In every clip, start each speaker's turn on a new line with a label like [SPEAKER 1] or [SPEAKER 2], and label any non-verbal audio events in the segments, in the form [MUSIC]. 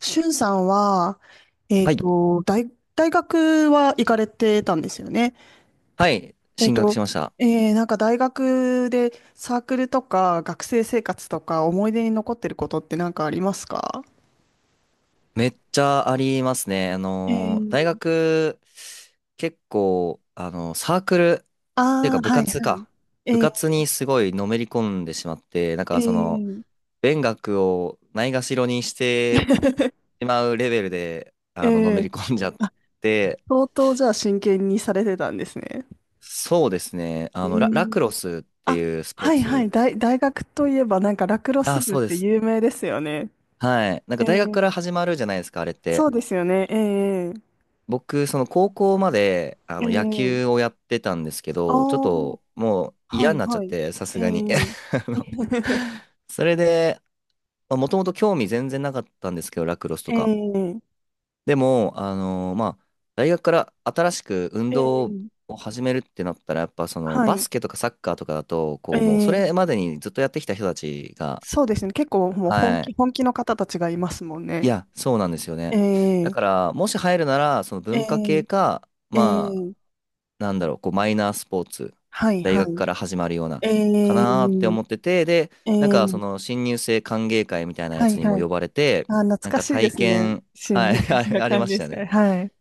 [SPEAKER 1] しゅんさんは、
[SPEAKER 2] はい。
[SPEAKER 1] 大学は行かれてたんですよね。
[SPEAKER 2] はい。
[SPEAKER 1] えっ
[SPEAKER 2] 進学
[SPEAKER 1] と、
[SPEAKER 2] しました。
[SPEAKER 1] なんか大学でサークルとか学生生活とか思い出に残ってることって何かありますか？
[SPEAKER 2] めっちゃありますね。
[SPEAKER 1] えー、
[SPEAKER 2] 大学、結構、サークル、っていうか
[SPEAKER 1] ああ、
[SPEAKER 2] 部
[SPEAKER 1] はい、
[SPEAKER 2] 活
[SPEAKER 1] はい。
[SPEAKER 2] か。部
[SPEAKER 1] え
[SPEAKER 2] 活
[SPEAKER 1] ー、
[SPEAKER 2] にすごいのめり込んでしまって、なん
[SPEAKER 1] え
[SPEAKER 2] かその、
[SPEAKER 1] ー、
[SPEAKER 2] 勉学をないがしろにして
[SPEAKER 1] [LAUGHS]
[SPEAKER 2] しまうレベルで、
[SPEAKER 1] え
[SPEAKER 2] のめ
[SPEAKER 1] ー、
[SPEAKER 2] り込んじゃっ
[SPEAKER 1] あ、
[SPEAKER 2] て、
[SPEAKER 1] 相当じゃあ真剣にされてたんですね。
[SPEAKER 2] そうですね。
[SPEAKER 1] え
[SPEAKER 2] ラ
[SPEAKER 1] ー、
[SPEAKER 2] クロスっ
[SPEAKER 1] あ、
[SPEAKER 2] ていうスポー
[SPEAKER 1] はいはい、
[SPEAKER 2] ツ。
[SPEAKER 1] 大学といえばなんかラクロス
[SPEAKER 2] あ、
[SPEAKER 1] 部っ
[SPEAKER 2] そうで
[SPEAKER 1] て
[SPEAKER 2] す。
[SPEAKER 1] 有名ですよね。
[SPEAKER 2] はい。なん
[SPEAKER 1] え
[SPEAKER 2] か大学から
[SPEAKER 1] ー、
[SPEAKER 2] 始まるじゃないですか、あれっ
[SPEAKER 1] そ
[SPEAKER 2] て。
[SPEAKER 1] うですよね。え
[SPEAKER 2] 僕、その高校まで野
[SPEAKER 1] え
[SPEAKER 2] 球
[SPEAKER 1] え
[SPEAKER 2] をやってたんですけ
[SPEAKER 1] あ
[SPEAKER 2] ど、ちょっと
[SPEAKER 1] あ、
[SPEAKER 2] もう
[SPEAKER 1] は
[SPEAKER 2] 嫌に
[SPEAKER 1] い
[SPEAKER 2] なっちゃっ
[SPEAKER 1] はい。
[SPEAKER 2] て、さす
[SPEAKER 1] え
[SPEAKER 2] がに。
[SPEAKER 1] え
[SPEAKER 2] [LAUGHS] あの
[SPEAKER 1] [LAUGHS]
[SPEAKER 2] それで、もともと興味全然なかったんですけど、ラクロスとか。
[SPEAKER 1] ええ
[SPEAKER 2] でも、まあ、大学から新しく運動
[SPEAKER 1] ええ
[SPEAKER 2] を始めるってなったら、やっぱその
[SPEAKER 1] は
[SPEAKER 2] バ
[SPEAKER 1] い。
[SPEAKER 2] スケとかサッカーとかだと、こう、もうそ
[SPEAKER 1] え
[SPEAKER 2] れ
[SPEAKER 1] え、
[SPEAKER 2] までにずっとやってきた人たちが。
[SPEAKER 1] そうですね。結構もう本
[SPEAKER 2] は
[SPEAKER 1] 気、
[SPEAKER 2] い。
[SPEAKER 1] 本気の方たちがいますもん
[SPEAKER 2] い
[SPEAKER 1] ね。
[SPEAKER 2] や、そうなんですよね。だ
[SPEAKER 1] ええ
[SPEAKER 2] から、もし入るなら、その文化系
[SPEAKER 1] え
[SPEAKER 2] か、
[SPEAKER 1] え
[SPEAKER 2] まあ、
[SPEAKER 1] ええ
[SPEAKER 2] なんだろう、こうマイナースポーツ、
[SPEAKER 1] はい
[SPEAKER 2] 大
[SPEAKER 1] は
[SPEAKER 2] 学
[SPEAKER 1] い。
[SPEAKER 2] から始まるような、か
[SPEAKER 1] え
[SPEAKER 2] なーって
[SPEAKER 1] え
[SPEAKER 2] 思ってて、で、
[SPEAKER 1] え
[SPEAKER 2] なんかその
[SPEAKER 1] え
[SPEAKER 2] 新入生歓迎会みたいなや
[SPEAKER 1] は
[SPEAKER 2] つ
[SPEAKER 1] い
[SPEAKER 2] に
[SPEAKER 1] は
[SPEAKER 2] も
[SPEAKER 1] い。
[SPEAKER 2] 呼ばれて、
[SPEAKER 1] あー、懐
[SPEAKER 2] なん
[SPEAKER 1] か
[SPEAKER 2] か
[SPEAKER 1] しいで
[SPEAKER 2] 体
[SPEAKER 1] すね。
[SPEAKER 2] 験、
[SPEAKER 1] 心
[SPEAKER 2] はい、
[SPEAKER 1] 理
[SPEAKER 2] [LAUGHS]
[SPEAKER 1] 学
[SPEAKER 2] あれ
[SPEAKER 1] 者
[SPEAKER 2] あり
[SPEAKER 1] 歓
[SPEAKER 2] まし
[SPEAKER 1] 迎
[SPEAKER 2] たよ
[SPEAKER 1] 会。
[SPEAKER 2] ね。
[SPEAKER 1] はい。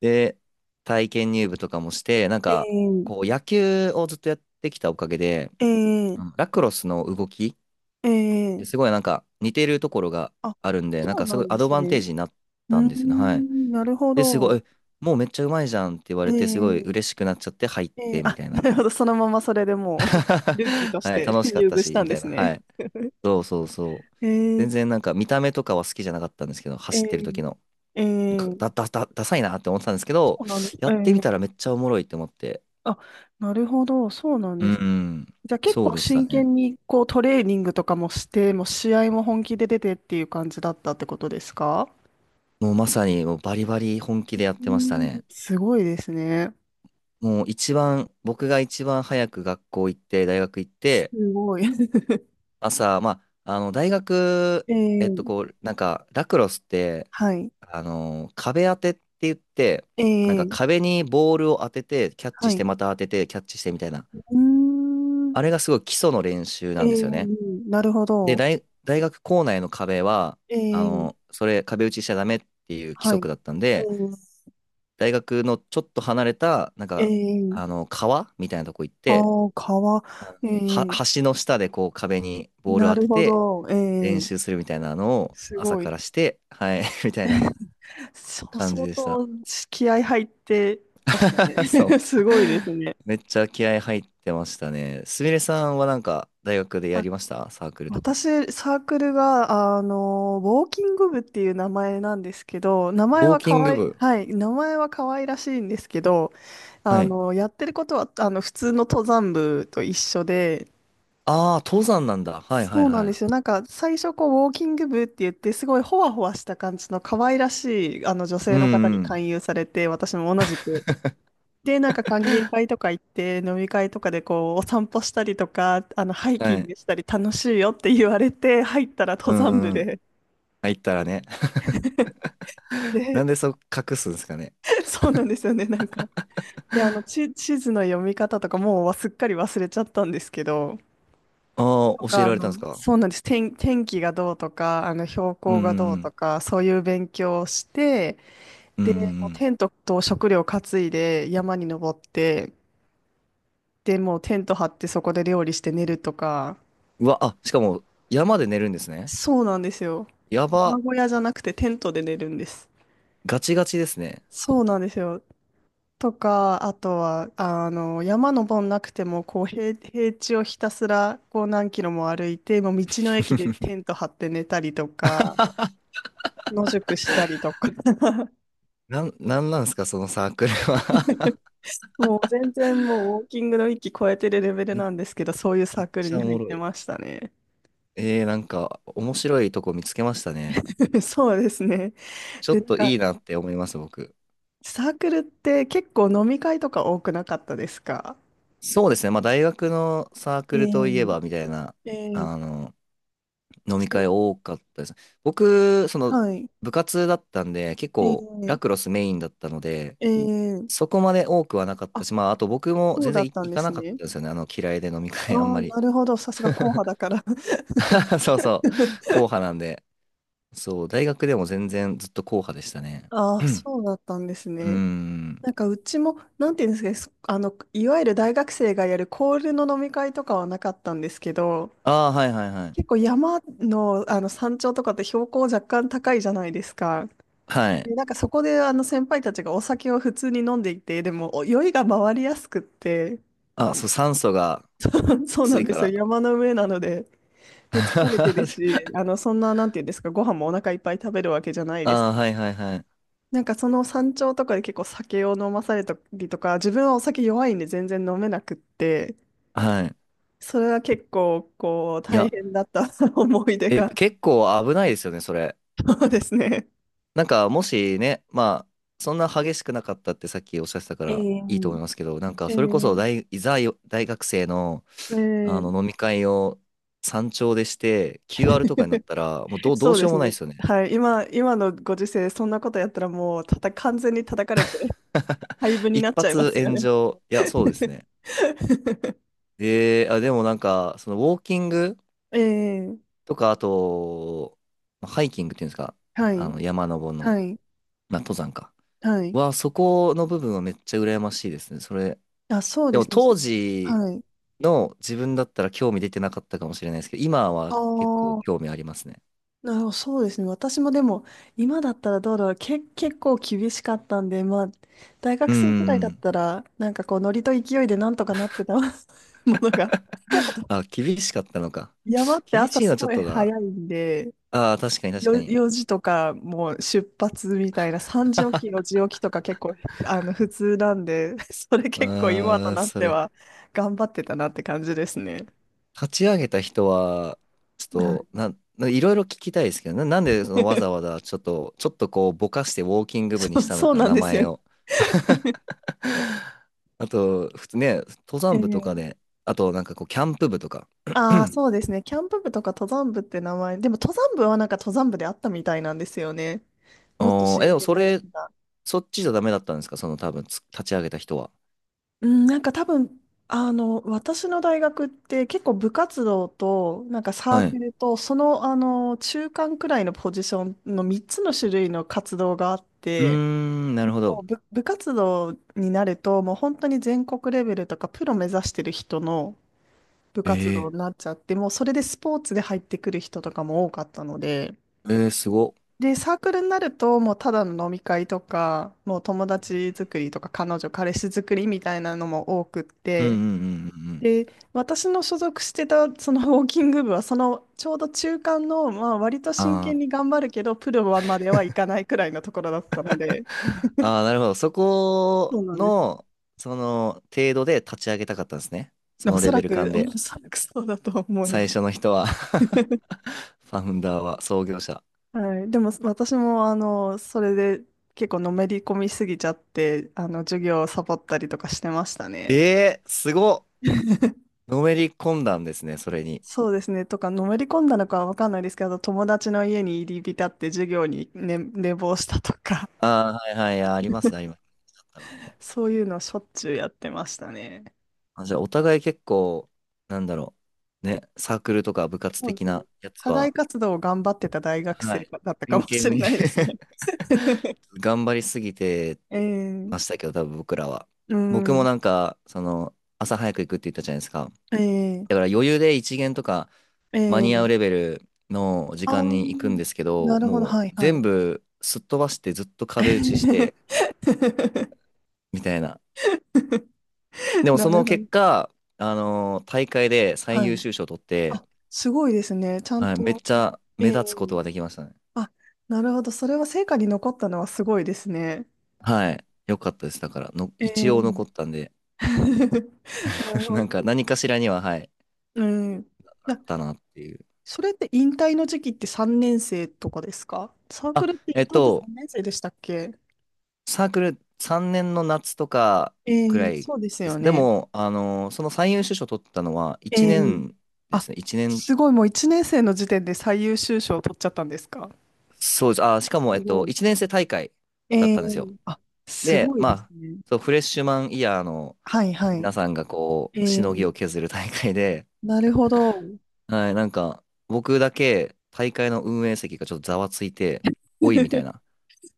[SPEAKER 2] で、体験入部とかもして、なん
[SPEAKER 1] え
[SPEAKER 2] か、こ
[SPEAKER 1] え
[SPEAKER 2] う野球をずっとやってきたおかげで、
[SPEAKER 1] ええ
[SPEAKER 2] ラクロスの動き、
[SPEAKER 1] え
[SPEAKER 2] す
[SPEAKER 1] え
[SPEAKER 2] ごいなんか似てるところが
[SPEAKER 1] あ、
[SPEAKER 2] あるんで、なん
[SPEAKER 1] そう
[SPEAKER 2] かす
[SPEAKER 1] な
[SPEAKER 2] ごい
[SPEAKER 1] んで
[SPEAKER 2] アド
[SPEAKER 1] す
[SPEAKER 2] バンテー
[SPEAKER 1] ね。
[SPEAKER 2] ジになっ
[SPEAKER 1] うー
[SPEAKER 2] たんですよね。はい。
[SPEAKER 1] ん、なるほ
[SPEAKER 2] で、すご
[SPEAKER 1] ど。
[SPEAKER 2] い、もうめっちゃうまいじゃんって言われて、すごい
[SPEAKER 1] え
[SPEAKER 2] 嬉し
[SPEAKER 1] え
[SPEAKER 2] くなっちゃって入っ
[SPEAKER 1] えー、
[SPEAKER 2] てみ
[SPEAKER 1] あ、
[SPEAKER 2] たい
[SPEAKER 1] [LAUGHS] な
[SPEAKER 2] な。
[SPEAKER 1] るほど。そのままそれで
[SPEAKER 2] [LAUGHS]
[SPEAKER 1] もう、ルーキーとし
[SPEAKER 2] はい、
[SPEAKER 1] て [LAUGHS]
[SPEAKER 2] 楽しかっ
[SPEAKER 1] 入
[SPEAKER 2] た
[SPEAKER 1] 部し
[SPEAKER 2] し、
[SPEAKER 1] た
[SPEAKER 2] み
[SPEAKER 1] んで
[SPEAKER 2] たい
[SPEAKER 1] す
[SPEAKER 2] な。は
[SPEAKER 1] ね。
[SPEAKER 2] い。そうそうそう。
[SPEAKER 1] えー、
[SPEAKER 2] 全然なんか見た目とかは好きじゃなかったんですけど、
[SPEAKER 1] え
[SPEAKER 2] 走ってる時
[SPEAKER 1] ー、
[SPEAKER 2] の。
[SPEAKER 1] え
[SPEAKER 2] なんか
[SPEAKER 1] ー、
[SPEAKER 2] だ、だ、だ、ダサいなって思ってたんですけど、
[SPEAKER 1] そうなんです。
[SPEAKER 2] や
[SPEAKER 1] え
[SPEAKER 2] ってみ
[SPEAKER 1] ー、
[SPEAKER 2] たらめっちゃおもろいって思って。
[SPEAKER 1] あ、なるほど。そうなん
[SPEAKER 2] う
[SPEAKER 1] で
[SPEAKER 2] ん、う
[SPEAKER 1] すね。
[SPEAKER 2] ん。
[SPEAKER 1] じゃあ結
[SPEAKER 2] そう
[SPEAKER 1] 構
[SPEAKER 2] でした
[SPEAKER 1] 真
[SPEAKER 2] ね。
[SPEAKER 1] 剣にこうトレーニングとかもして、もう試合も本気で出てっていう感じだったってことですか？
[SPEAKER 2] もうまさにもうバリバリ本気でやっ
[SPEAKER 1] うー
[SPEAKER 2] てました
[SPEAKER 1] ん、
[SPEAKER 2] ね。
[SPEAKER 1] すごいですね。
[SPEAKER 2] もう一番、僕が一番早く学校行って、大学行っ
[SPEAKER 1] す
[SPEAKER 2] て、
[SPEAKER 1] ごい。[LAUGHS]
[SPEAKER 2] 朝、まあ、大学、
[SPEAKER 1] えー、
[SPEAKER 2] こう、なんか、ラクロスって、
[SPEAKER 1] はい。
[SPEAKER 2] 壁当てって言って、
[SPEAKER 1] え
[SPEAKER 2] なんか
[SPEAKER 1] ー、
[SPEAKER 2] 壁にボールを当てて、キャッチ
[SPEAKER 1] は
[SPEAKER 2] して、
[SPEAKER 1] い。
[SPEAKER 2] また当てて、キャッチしてみたいな。
[SPEAKER 1] うーん、
[SPEAKER 2] あれがすごい基礎の練習
[SPEAKER 1] え
[SPEAKER 2] なんですよね。
[SPEAKER 1] ー、なるほ
[SPEAKER 2] で、
[SPEAKER 1] ど。
[SPEAKER 2] 大学校内の壁は、
[SPEAKER 1] えー、
[SPEAKER 2] 壁打ちしちゃダメっていう規
[SPEAKER 1] はい。
[SPEAKER 2] 則だったん
[SPEAKER 1] え
[SPEAKER 2] で、
[SPEAKER 1] ー
[SPEAKER 2] 大学のちょっと離れた、なんか、
[SPEAKER 1] ええ
[SPEAKER 2] 川みたいなとこ行っ
[SPEAKER 1] あ
[SPEAKER 2] て、
[SPEAKER 1] あ、川、え
[SPEAKER 2] は、
[SPEAKER 1] え、
[SPEAKER 2] 橋の下でこう壁にボールを
[SPEAKER 1] な
[SPEAKER 2] 当
[SPEAKER 1] る
[SPEAKER 2] て
[SPEAKER 1] ほ
[SPEAKER 2] て、
[SPEAKER 1] ど、
[SPEAKER 2] 練
[SPEAKER 1] ええ、
[SPEAKER 2] 習するみたいなのを
[SPEAKER 1] す
[SPEAKER 2] 朝
[SPEAKER 1] ご
[SPEAKER 2] か
[SPEAKER 1] い。
[SPEAKER 2] らして、はい、[LAUGHS] みたいな
[SPEAKER 1] そう、
[SPEAKER 2] 感じ
[SPEAKER 1] 相
[SPEAKER 2] でした。
[SPEAKER 1] 当気合入ってましたね。
[SPEAKER 2] [LAUGHS]
[SPEAKER 1] [LAUGHS]
[SPEAKER 2] そ
[SPEAKER 1] す
[SPEAKER 2] う。
[SPEAKER 1] ごいですね。
[SPEAKER 2] めっちゃ気合入ってましたね。すみれさんはなんか大学でや
[SPEAKER 1] あ、
[SPEAKER 2] りましたサークルとか？
[SPEAKER 1] 私、サークルが、あの、ウォーキング部っていう名前なんですけど、名
[SPEAKER 2] ウ
[SPEAKER 1] 前
[SPEAKER 2] ォー
[SPEAKER 1] は
[SPEAKER 2] キ
[SPEAKER 1] 可
[SPEAKER 2] ング
[SPEAKER 1] 愛い、
[SPEAKER 2] 部。
[SPEAKER 1] はい、名前は可愛らしいんですけど、あ
[SPEAKER 2] はい。
[SPEAKER 1] の、やってることは、あの、普通の登山部と一緒で、
[SPEAKER 2] ああ、登山なんだ。はいは
[SPEAKER 1] そ
[SPEAKER 2] い
[SPEAKER 1] うなん
[SPEAKER 2] は
[SPEAKER 1] で
[SPEAKER 2] い。
[SPEAKER 1] すよ。なんか最初こうウォーキング部って言ってすごいほわほわした感じの可愛らしいあの女
[SPEAKER 2] う
[SPEAKER 1] 性の方
[SPEAKER 2] ん
[SPEAKER 1] に
[SPEAKER 2] うん。
[SPEAKER 1] 勧誘されて私も同じく。で、なんか歓迎会とか行って飲み会とかでこうお散歩したりとかあのハイキ
[SPEAKER 2] は
[SPEAKER 1] ン
[SPEAKER 2] い。
[SPEAKER 1] グしたり楽しいよって言われて入ったら
[SPEAKER 2] う
[SPEAKER 1] 登山
[SPEAKER 2] ん
[SPEAKER 1] 部
[SPEAKER 2] うん。
[SPEAKER 1] で。
[SPEAKER 2] 入ったらね。[LAUGHS] な
[SPEAKER 1] で、
[SPEAKER 2] んでそう隠すんですかね。
[SPEAKER 1] [LAUGHS] そうなんですよね。なんか。で、あの地図の読み方とかもうすっかり忘れちゃったんですけど。
[SPEAKER 2] ああ、
[SPEAKER 1] と
[SPEAKER 2] 教え
[SPEAKER 1] か、あ
[SPEAKER 2] られ
[SPEAKER 1] の、
[SPEAKER 2] たんですか。
[SPEAKER 1] そうなんです。天気がどうとか、あの、標
[SPEAKER 2] うんう
[SPEAKER 1] 高がど
[SPEAKER 2] んう
[SPEAKER 1] うと
[SPEAKER 2] ん。
[SPEAKER 1] か、そういう勉強をして、
[SPEAKER 2] うんうん
[SPEAKER 1] テントと食料担いで山に登って、で、もうテント張ってそこで料理して寝るとか、
[SPEAKER 2] うん。うわ、あ、しかも山で寝るんですね。
[SPEAKER 1] そうなんですよ。
[SPEAKER 2] や
[SPEAKER 1] 山
[SPEAKER 2] ば、
[SPEAKER 1] 小屋じゃなくてテントで寝るんです。
[SPEAKER 2] ガチガチですね。
[SPEAKER 1] そうなんですよ。とか、あとは、あの、山登んなくても、こう、平地をひたすら、こう、何キロも歩いて、もう道の駅で
[SPEAKER 2] [LAUGHS]
[SPEAKER 1] テント張って寝たりとか、野宿したりとか、
[SPEAKER 2] なんなんですか、そのサークルは？
[SPEAKER 1] [LAUGHS] もう全然もうウォーキングの域超えてるレベ
[SPEAKER 2] [LAUGHS]
[SPEAKER 1] ル
[SPEAKER 2] めっ
[SPEAKER 1] なんですけど、そういうサークル
[SPEAKER 2] ち
[SPEAKER 1] に
[SPEAKER 2] ゃお
[SPEAKER 1] 入
[SPEAKER 2] も
[SPEAKER 1] っ
[SPEAKER 2] ろ
[SPEAKER 1] て
[SPEAKER 2] い。
[SPEAKER 1] ましたね。
[SPEAKER 2] なんか、面白いとこ見つけましたね。
[SPEAKER 1] [LAUGHS] そうですね。
[SPEAKER 2] ちょっ
[SPEAKER 1] で、なん
[SPEAKER 2] と
[SPEAKER 1] か、
[SPEAKER 2] いいなって思います、僕。
[SPEAKER 1] サークルって結構飲み会とか多くなかったですか？
[SPEAKER 2] そうですね、まあ、大学のサークルといえ
[SPEAKER 1] ええ
[SPEAKER 2] ば、みたいな、
[SPEAKER 1] え
[SPEAKER 2] あ
[SPEAKER 1] え、
[SPEAKER 2] の、飲み
[SPEAKER 1] そ
[SPEAKER 2] 会
[SPEAKER 1] う、
[SPEAKER 2] 多かったです。僕、その、
[SPEAKER 1] はい。
[SPEAKER 2] 部活だったんで、結
[SPEAKER 1] え
[SPEAKER 2] 構、ラ
[SPEAKER 1] え、
[SPEAKER 2] クロスメインだったので、
[SPEAKER 1] ええ、
[SPEAKER 2] そこまで多くはなかった
[SPEAKER 1] あ、
[SPEAKER 2] し、まあ、あと僕も
[SPEAKER 1] そう
[SPEAKER 2] 全
[SPEAKER 1] だ
[SPEAKER 2] 然
[SPEAKER 1] ったん
[SPEAKER 2] 行
[SPEAKER 1] で
[SPEAKER 2] かな
[SPEAKER 1] す
[SPEAKER 2] かっ
[SPEAKER 1] ね。
[SPEAKER 2] たんですよね、嫌いで飲み
[SPEAKER 1] あ
[SPEAKER 2] 会あん
[SPEAKER 1] あ、
[SPEAKER 2] まり。
[SPEAKER 1] なるほど。さすが硬派
[SPEAKER 2] [LAUGHS]
[SPEAKER 1] だから。
[SPEAKER 2] そうそう、
[SPEAKER 1] [LAUGHS]
[SPEAKER 2] 硬派なんで。そう、大学でも全然ずっと硬派でしたね。
[SPEAKER 1] ああ、
[SPEAKER 2] うん、
[SPEAKER 1] そうだったんです
[SPEAKER 2] うー
[SPEAKER 1] ね。
[SPEAKER 2] ん。
[SPEAKER 1] なんかうちも、なんていうんですかね、そあの、いわゆる大学生がやるコールの飲み会とかはなかったんですけど、
[SPEAKER 2] ああ、はいはいはい。
[SPEAKER 1] 結構山の、あの山頂とかって標高若干高いじゃないですか。
[SPEAKER 2] はい。
[SPEAKER 1] なんかそこであの先輩たちがお酒を普通に飲んでいて、でもお酔いが回りやすくって、
[SPEAKER 2] あ、そう、酸素が
[SPEAKER 1] [LAUGHS] そうな
[SPEAKER 2] 薄い
[SPEAKER 1] んで
[SPEAKER 2] か
[SPEAKER 1] すよ、
[SPEAKER 2] ら。
[SPEAKER 1] 山の上なので、で、
[SPEAKER 2] [LAUGHS]
[SPEAKER 1] 疲れてるし、あのそんな、なんていうんですか、ご飯もお腹いっぱい食べるわけじゃないです。
[SPEAKER 2] ああ、はいはいはい。
[SPEAKER 1] なんかその山頂とかで結構酒を飲まされたりとか、自分はお酒弱いんで全然飲めなくって、
[SPEAKER 2] はい。
[SPEAKER 1] それは結構こう
[SPEAKER 2] い
[SPEAKER 1] 大
[SPEAKER 2] や、
[SPEAKER 1] 変だった [LAUGHS] 思い出が、
[SPEAKER 2] 結構危ないですよね、それ。
[SPEAKER 1] そうですね。
[SPEAKER 2] なんか、もしね、まあ、そんな激しくなかったってさっきおっしゃってたからいいと思い
[SPEAKER 1] ええ
[SPEAKER 2] ますけど、なんか、それこそ
[SPEAKER 1] ええ
[SPEAKER 2] 大、いざよ大学生の、
[SPEAKER 1] ええ
[SPEAKER 2] 飲み会を山頂でして、QR とかになったら、もうど
[SPEAKER 1] そ
[SPEAKER 2] う
[SPEAKER 1] う
[SPEAKER 2] し
[SPEAKER 1] で
[SPEAKER 2] よう
[SPEAKER 1] す
[SPEAKER 2] もない
[SPEAKER 1] ね。
[SPEAKER 2] ですよね。
[SPEAKER 1] はい。今のご時世、そんなことやったらもう、たた、完全に叩かれて、廃部
[SPEAKER 2] [LAUGHS]
[SPEAKER 1] に
[SPEAKER 2] 一
[SPEAKER 1] なっちゃいま
[SPEAKER 2] 発
[SPEAKER 1] すよ
[SPEAKER 2] 炎
[SPEAKER 1] ね。
[SPEAKER 2] 上。いや、そうですね。
[SPEAKER 1] [LAUGHS]
[SPEAKER 2] あ、でもなんか、そのウォーキング
[SPEAKER 1] ええ、
[SPEAKER 2] とか、あと、ハイキングっていうんですか、
[SPEAKER 1] はい、
[SPEAKER 2] 山登りの、
[SPEAKER 1] はい、
[SPEAKER 2] まあ、登山か。
[SPEAKER 1] はい。
[SPEAKER 2] は、そこの部分はめっちゃ羨ましいですね。それ、
[SPEAKER 1] あ、そう
[SPEAKER 2] で
[SPEAKER 1] で
[SPEAKER 2] も
[SPEAKER 1] すね。
[SPEAKER 2] 当時
[SPEAKER 1] はい。
[SPEAKER 2] の自分だったら興味出てなかったかもしれないですけど、今は
[SPEAKER 1] あ
[SPEAKER 2] 結構
[SPEAKER 1] あ、
[SPEAKER 2] 興味ありますね。
[SPEAKER 1] なるほど、そうですね。私もでも、今だったらどうだろう。け、結構厳しかったんで、まあ、大
[SPEAKER 2] う
[SPEAKER 1] 学
[SPEAKER 2] ー
[SPEAKER 1] 生くらいだっ
[SPEAKER 2] ん。
[SPEAKER 1] たら、なんかこう、ノリと勢いでなんとかなってた [LAUGHS] ものが、[LAUGHS] あと、
[SPEAKER 2] あ、厳しかったのか。
[SPEAKER 1] 山って
[SPEAKER 2] 厳
[SPEAKER 1] 朝
[SPEAKER 2] しいの
[SPEAKER 1] す
[SPEAKER 2] はちょ
[SPEAKER 1] ご
[SPEAKER 2] っ
[SPEAKER 1] い
[SPEAKER 2] とな。
[SPEAKER 1] 早いんで、
[SPEAKER 2] ああ、確かに確か
[SPEAKER 1] よ、
[SPEAKER 2] に。
[SPEAKER 1] 4時とかもう出発みたいな、3時起き、4時起きとか結構あの普通なんで、[LAUGHS] それ
[SPEAKER 2] う
[SPEAKER 1] 結構今と
[SPEAKER 2] ーん、
[SPEAKER 1] なっ
[SPEAKER 2] そ
[SPEAKER 1] て
[SPEAKER 2] れ。
[SPEAKER 1] は頑張ってたなって感じですね。
[SPEAKER 2] 立ち上げた人は、ちょっ
[SPEAKER 1] はい、
[SPEAKER 2] と、なん、ないろいろ聞きたいですけど、なんでそのわざわ
[SPEAKER 1] [LAUGHS]
[SPEAKER 2] ざちょっとこうぼかしてウォーキング部に
[SPEAKER 1] そ
[SPEAKER 2] し
[SPEAKER 1] う、
[SPEAKER 2] たの
[SPEAKER 1] そう
[SPEAKER 2] か、
[SPEAKER 1] なん
[SPEAKER 2] 名
[SPEAKER 1] です
[SPEAKER 2] 前
[SPEAKER 1] よ。
[SPEAKER 2] を。[LAUGHS] あと、普通ね、登山部とか
[SPEAKER 1] ええ、
[SPEAKER 2] で、あとなんかこう、キャンプ部とか。
[SPEAKER 1] ああ、
[SPEAKER 2] [CLEARS THROAT]
[SPEAKER 1] そうですね。キャンプ部とか登山部って名前、でも登山部はなんか登山部であったみたいなんですよね。もっと
[SPEAKER 2] おーえ、
[SPEAKER 1] 真
[SPEAKER 2] でも
[SPEAKER 1] 剣
[SPEAKER 2] そ
[SPEAKER 1] なやつ
[SPEAKER 2] れ、
[SPEAKER 1] だ。
[SPEAKER 2] そっちじゃダメだったんですか、その多分、立ち上げた人は。
[SPEAKER 1] うん、なんか多分、あの、私の大学って結構部活動と、なんかサー
[SPEAKER 2] は
[SPEAKER 1] ク
[SPEAKER 2] い。
[SPEAKER 1] ルと、その、あの、中間くらいのポジションの3つの種類の活動があっ
[SPEAKER 2] うー
[SPEAKER 1] て、
[SPEAKER 2] ん、な
[SPEAKER 1] で
[SPEAKER 2] るほ
[SPEAKER 1] も
[SPEAKER 2] ど。
[SPEAKER 1] う部活動になると、もう本当に全国レベルとかプロ目指してる人の部活動
[SPEAKER 2] え
[SPEAKER 1] になっちゃって、もうそれでスポーツで入ってくる人とかも多かったので、
[SPEAKER 2] すご。
[SPEAKER 1] で、サークルになると、もうただの飲み会とか、もう友達作りとか、彼女、彼氏作りみたいなのも多くっ
[SPEAKER 2] うんうんう
[SPEAKER 1] て、
[SPEAKER 2] んうんうん。
[SPEAKER 1] で、私の所属してたそのウォーキング部は、そのちょうど中間の、まあ、割と真
[SPEAKER 2] あ
[SPEAKER 1] 剣
[SPEAKER 2] あ、
[SPEAKER 1] に頑張るけど、プロまではいかないくらいのところだったので、
[SPEAKER 2] [LAUGHS] ああ、なるほど。そ
[SPEAKER 1] そ
[SPEAKER 2] こ
[SPEAKER 1] うなんです。
[SPEAKER 2] の、その程度で立ち上げたかったんですね。
[SPEAKER 1] で
[SPEAKER 2] そのレベル感
[SPEAKER 1] お
[SPEAKER 2] で。
[SPEAKER 1] そらくそうだと思います。
[SPEAKER 2] 最初の人は。 [LAUGHS] フ
[SPEAKER 1] [LAUGHS]
[SPEAKER 2] ァウンダーは創業者。
[SPEAKER 1] はい、でも私もあのそれで結構のめり込みすぎちゃってあの授業をサボったりとかしてました
[SPEAKER 2] え
[SPEAKER 1] ね。
[SPEAKER 2] えー、すごっ。のめり込んだんですね、それに。
[SPEAKER 1] そうですね。とかのめり込んだのかは分かんないですけど友達の家に入り浸って授業に、ね、寝坊したとか
[SPEAKER 2] ああ、はいはい、あります、あります。あった俺も。
[SPEAKER 1] そういうのしょっちゅうやってましたね。
[SPEAKER 2] あ、じゃあ、お互い結構、なんだろう。ね、サークルとか部活
[SPEAKER 1] そうで
[SPEAKER 2] 的
[SPEAKER 1] すね。
[SPEAKER 2] なやつ
[SPEAKER 1] 課外
[SPEAKER 2] は、
[SPEAKER 1] 活動を頑張ってた大学
[SPEAKER 2] は
[SPEAKER 1] 生
[SPEAKER 2] い、
[SPEAKER 1] だったか
[SPEAKER 2] 真
[SPEAKER 1] もし
[SPEAKER 2] 剣
[SPEAKER 1] れ
[SPEAKER 2] に
[SPEAKER 1] ないですね。[LAUGHS]
[SPEAKER 2] [LAUGHS] 頑張りすぎて
[SPEAKER 1] えー、
[SPEAKER 2] ましたけど、多分僕らは。
[SPEAKER 1] う
[SPEAKER 2] 僕も
[SPEAKER 1] ん、
[SPEAKER 2] なんか、その、朝早く行くって言ったじゃないですか。だから
[SPEAKER 1] え
[SPEAKER 2] 余裕で一限とか
[SPEAKER 1] ー、
[SPEAKER 2] 間
[SPEAKER 1] え
[SPEAKER 2] に合う
[SPEAKER 1] ー、
[SPEAKER 2] レベルの時
[SPEAKER 1] あ
[SPEAKER 2] 間に行くん
[SPEAKER 1] ー、
[SPEAKER 2] ですけ
[SPEAKER 1] な
[SPEAKER 2] ど、
[SPEAKER 1] るほど、
[SPEAKER 2] も
[SPEAKER 1] はい、
[SPEAKER 2] う
[SPEAKER 1] は
[SPEAKER 2] 全
[SPEAKER 1] い。
[SPEAKER 2] 部すっ飛ばしてずっと壁打ちして、
[SPEAKER 1] [LAUGHS]
[SPEAKER 2] みたいな。でも
[SPEAKER 1] な
[SPEAKER 2] そ
[SPEAKER 1] る
[SPEAKER 2] の
[SPEAKER 1] ほど、
[SPEAKER 2] 結果、大会で最
[SPEAKER 1] は
[SPEAKER 2] 優
[SPEAKER 1] い。
[SPEAKER 2] 秀賞を取って、
[SPEAKER 1] あ、すごいですね。ちゃん
[SPEAKER 2] はい、めっ
[SPEAKER 1] と、
[SPEAKER 2] ちゃ
[SPEAKER 1] え
[SPEAKER 2] 目立つこと
[SPEAKER 1] ー、
[SPEAKER 2] ができましたね。
[SPEAKER 1] あ、なるほど、それは成果に残ったのはすごいですね。
[SPEAKER 2] はい。よかったです。だからの、
[SPEAKER 1] え
[SPEAKER 2] 一応
[SPEAKER 1] ー、
[SPEAKER 2] 残ったんで、
[SPEAKER 1] [LAUGHS] なる
[SPEAKER 2] [LAUGHS]
[SPEAKER 1] ほ
[SPEAKER 2] なんか
[SPEAKER 1] ど。
[SPEAKER 2] 何かしらには、はい、
[SPEAKER 1] うん。い
[SPEAKER 2] あっ
[SPEAKER 1] や、
[SPEAKER 2] たなっていう。
[SPEAKER 1] それって引退の時期って3年生とかですか？サーク
[SPEAKER 2] あ、
[SPEAKER 1] ルって
[SPEAKER 2] え
[SPEAKER 1] 引
[SPEAKER 2] っ
[SPEAKER 1] 退って
[SPEAKER 2] と、
[SPEAKER 1] 3年生でしたっけ？
[SPEAKER 2] サークル3年の夏とか
[SPEAKER 1] え
[SPEAKER 2] くら
[SPEAKER 1] え、
[SPEAKER 2] い
[SPEAKER 1] そうです
[SPEAKER 2] で
[SPEAKER 1] よ
[SPEAKER 2] す。で
[SPEAKER 1] ね。
[SPEAKER 2] も、その最優秀賞取ったのは
[SPEAKER 1] え
[SPEAKER 2] 1
[SPEAKER 1] え、
[SPEAKER 2] 年で
[SPEAKER 1] あ、
[SPEAKER 2] すね。
[SPEAKER 1] すごい、もう1年生の時点で最優秀賞を取っちゃったんですか？
[SPEAKER 2] そうです。あ、しかも、
[SPEAKER 1] すごい。
[SPEAKER 2] 1年生大会だっ
[SPEAKER 1] ええ、
[SPEAKER 2] たんですよ。
[SPEAKER 1] あ、す
[SPEAKER 2] で、
[SPEAKER 1] ごい
[SPEAKER 2] ま
[SPEAKER 1] です
[SPEAKER 2] あ、
[SPEAKER 1] ね。
[SPEAKER 2] そう、フレッシュマンイヤーの
[SPEAKER 1] はいは
[SPEAKER 2] 皆
[SPEAKER 1] い。
[SPEAKER 2] さんがこ
[SPEAKER 1] え
[SPEAKER 2] う、しのぎ
[SPEAKER 1] え、
[SPEAKER 2] を削る大会で、
[SPEAKER 1] なるほど。
[SPEAKER 2] はい、なんか、僕だけ大会の運営席がちょっとざわついて、おい、みたい
[SPEAKER 1] [LAUGHS]
[SPEAKER 2] な。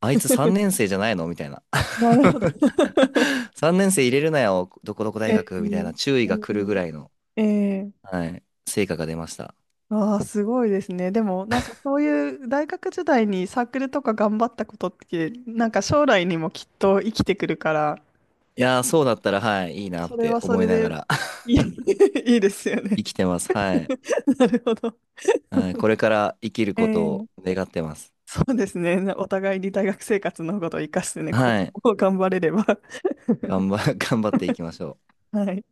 [SPEAKER 2] あいつ3年生じゃないのみたいな。[LAUGHS]
[SPEAKER 1] なるほど。[LAUGHS]
[SPEAKER 2] 3年生入れるなよ、どこどこ
[SPEAKER 1] え
[SPEAKER 2] 大学みたいな注
[SPEAKER 1] え
[SPEAKER 2] 意が来るぐ
[SPEAKER 1] え
[SPEAKER 2] らいの。
[SPEAKER 1] えええ
[SPEAKER 2] はい。成果が出ました。
[SPEAKER 1] ああ、すごいですね。でも、なんかそういう大学時代にサークルとか頑張ったことって、なんか将来にもきっと生きてくるから、
[SPEAKER 2] いやー、そうだったら、はい、いいなっ
[SPEAKER 1] それ
[SPEAKER 2] て
[SPEAKER 1] はそ
[SPEAKER 2] 思
[SPEAKER 1] れ
[SPEAKER 2] いなが
[SPEAKER 1] で
[SPEAKER 2] ら
[SPEAKER 1] いい、
[SPEAKER 2] [LAUGHS]
[SPEAKER 1] [LAUGHS] いいですよね。
[SPEAKER 2] 生きてます。はい。
[SPEAKER 1] [LAUGHS] なるほど。
[SPEAKER 2] はい、これから生きる
[SPEAKER 1] え
[SPEAKER 2] こと
[SPEAKER 1] え
[SPEAKER 2] を
[SPEAKER 1] [LAUGHS]
[SPEAKER 2] 願ってます。
[SPEAKER 1] そうですね。お互いに大学生活のことを生かしてね、今
[SPEAKER 2] はい。
[SPEAKER 1] 後頑張れれば。
[SPEAKER 2] [LAUGHS] 頑張っていきましょう。
[SPEAKER 1] [LAUGHS] はい。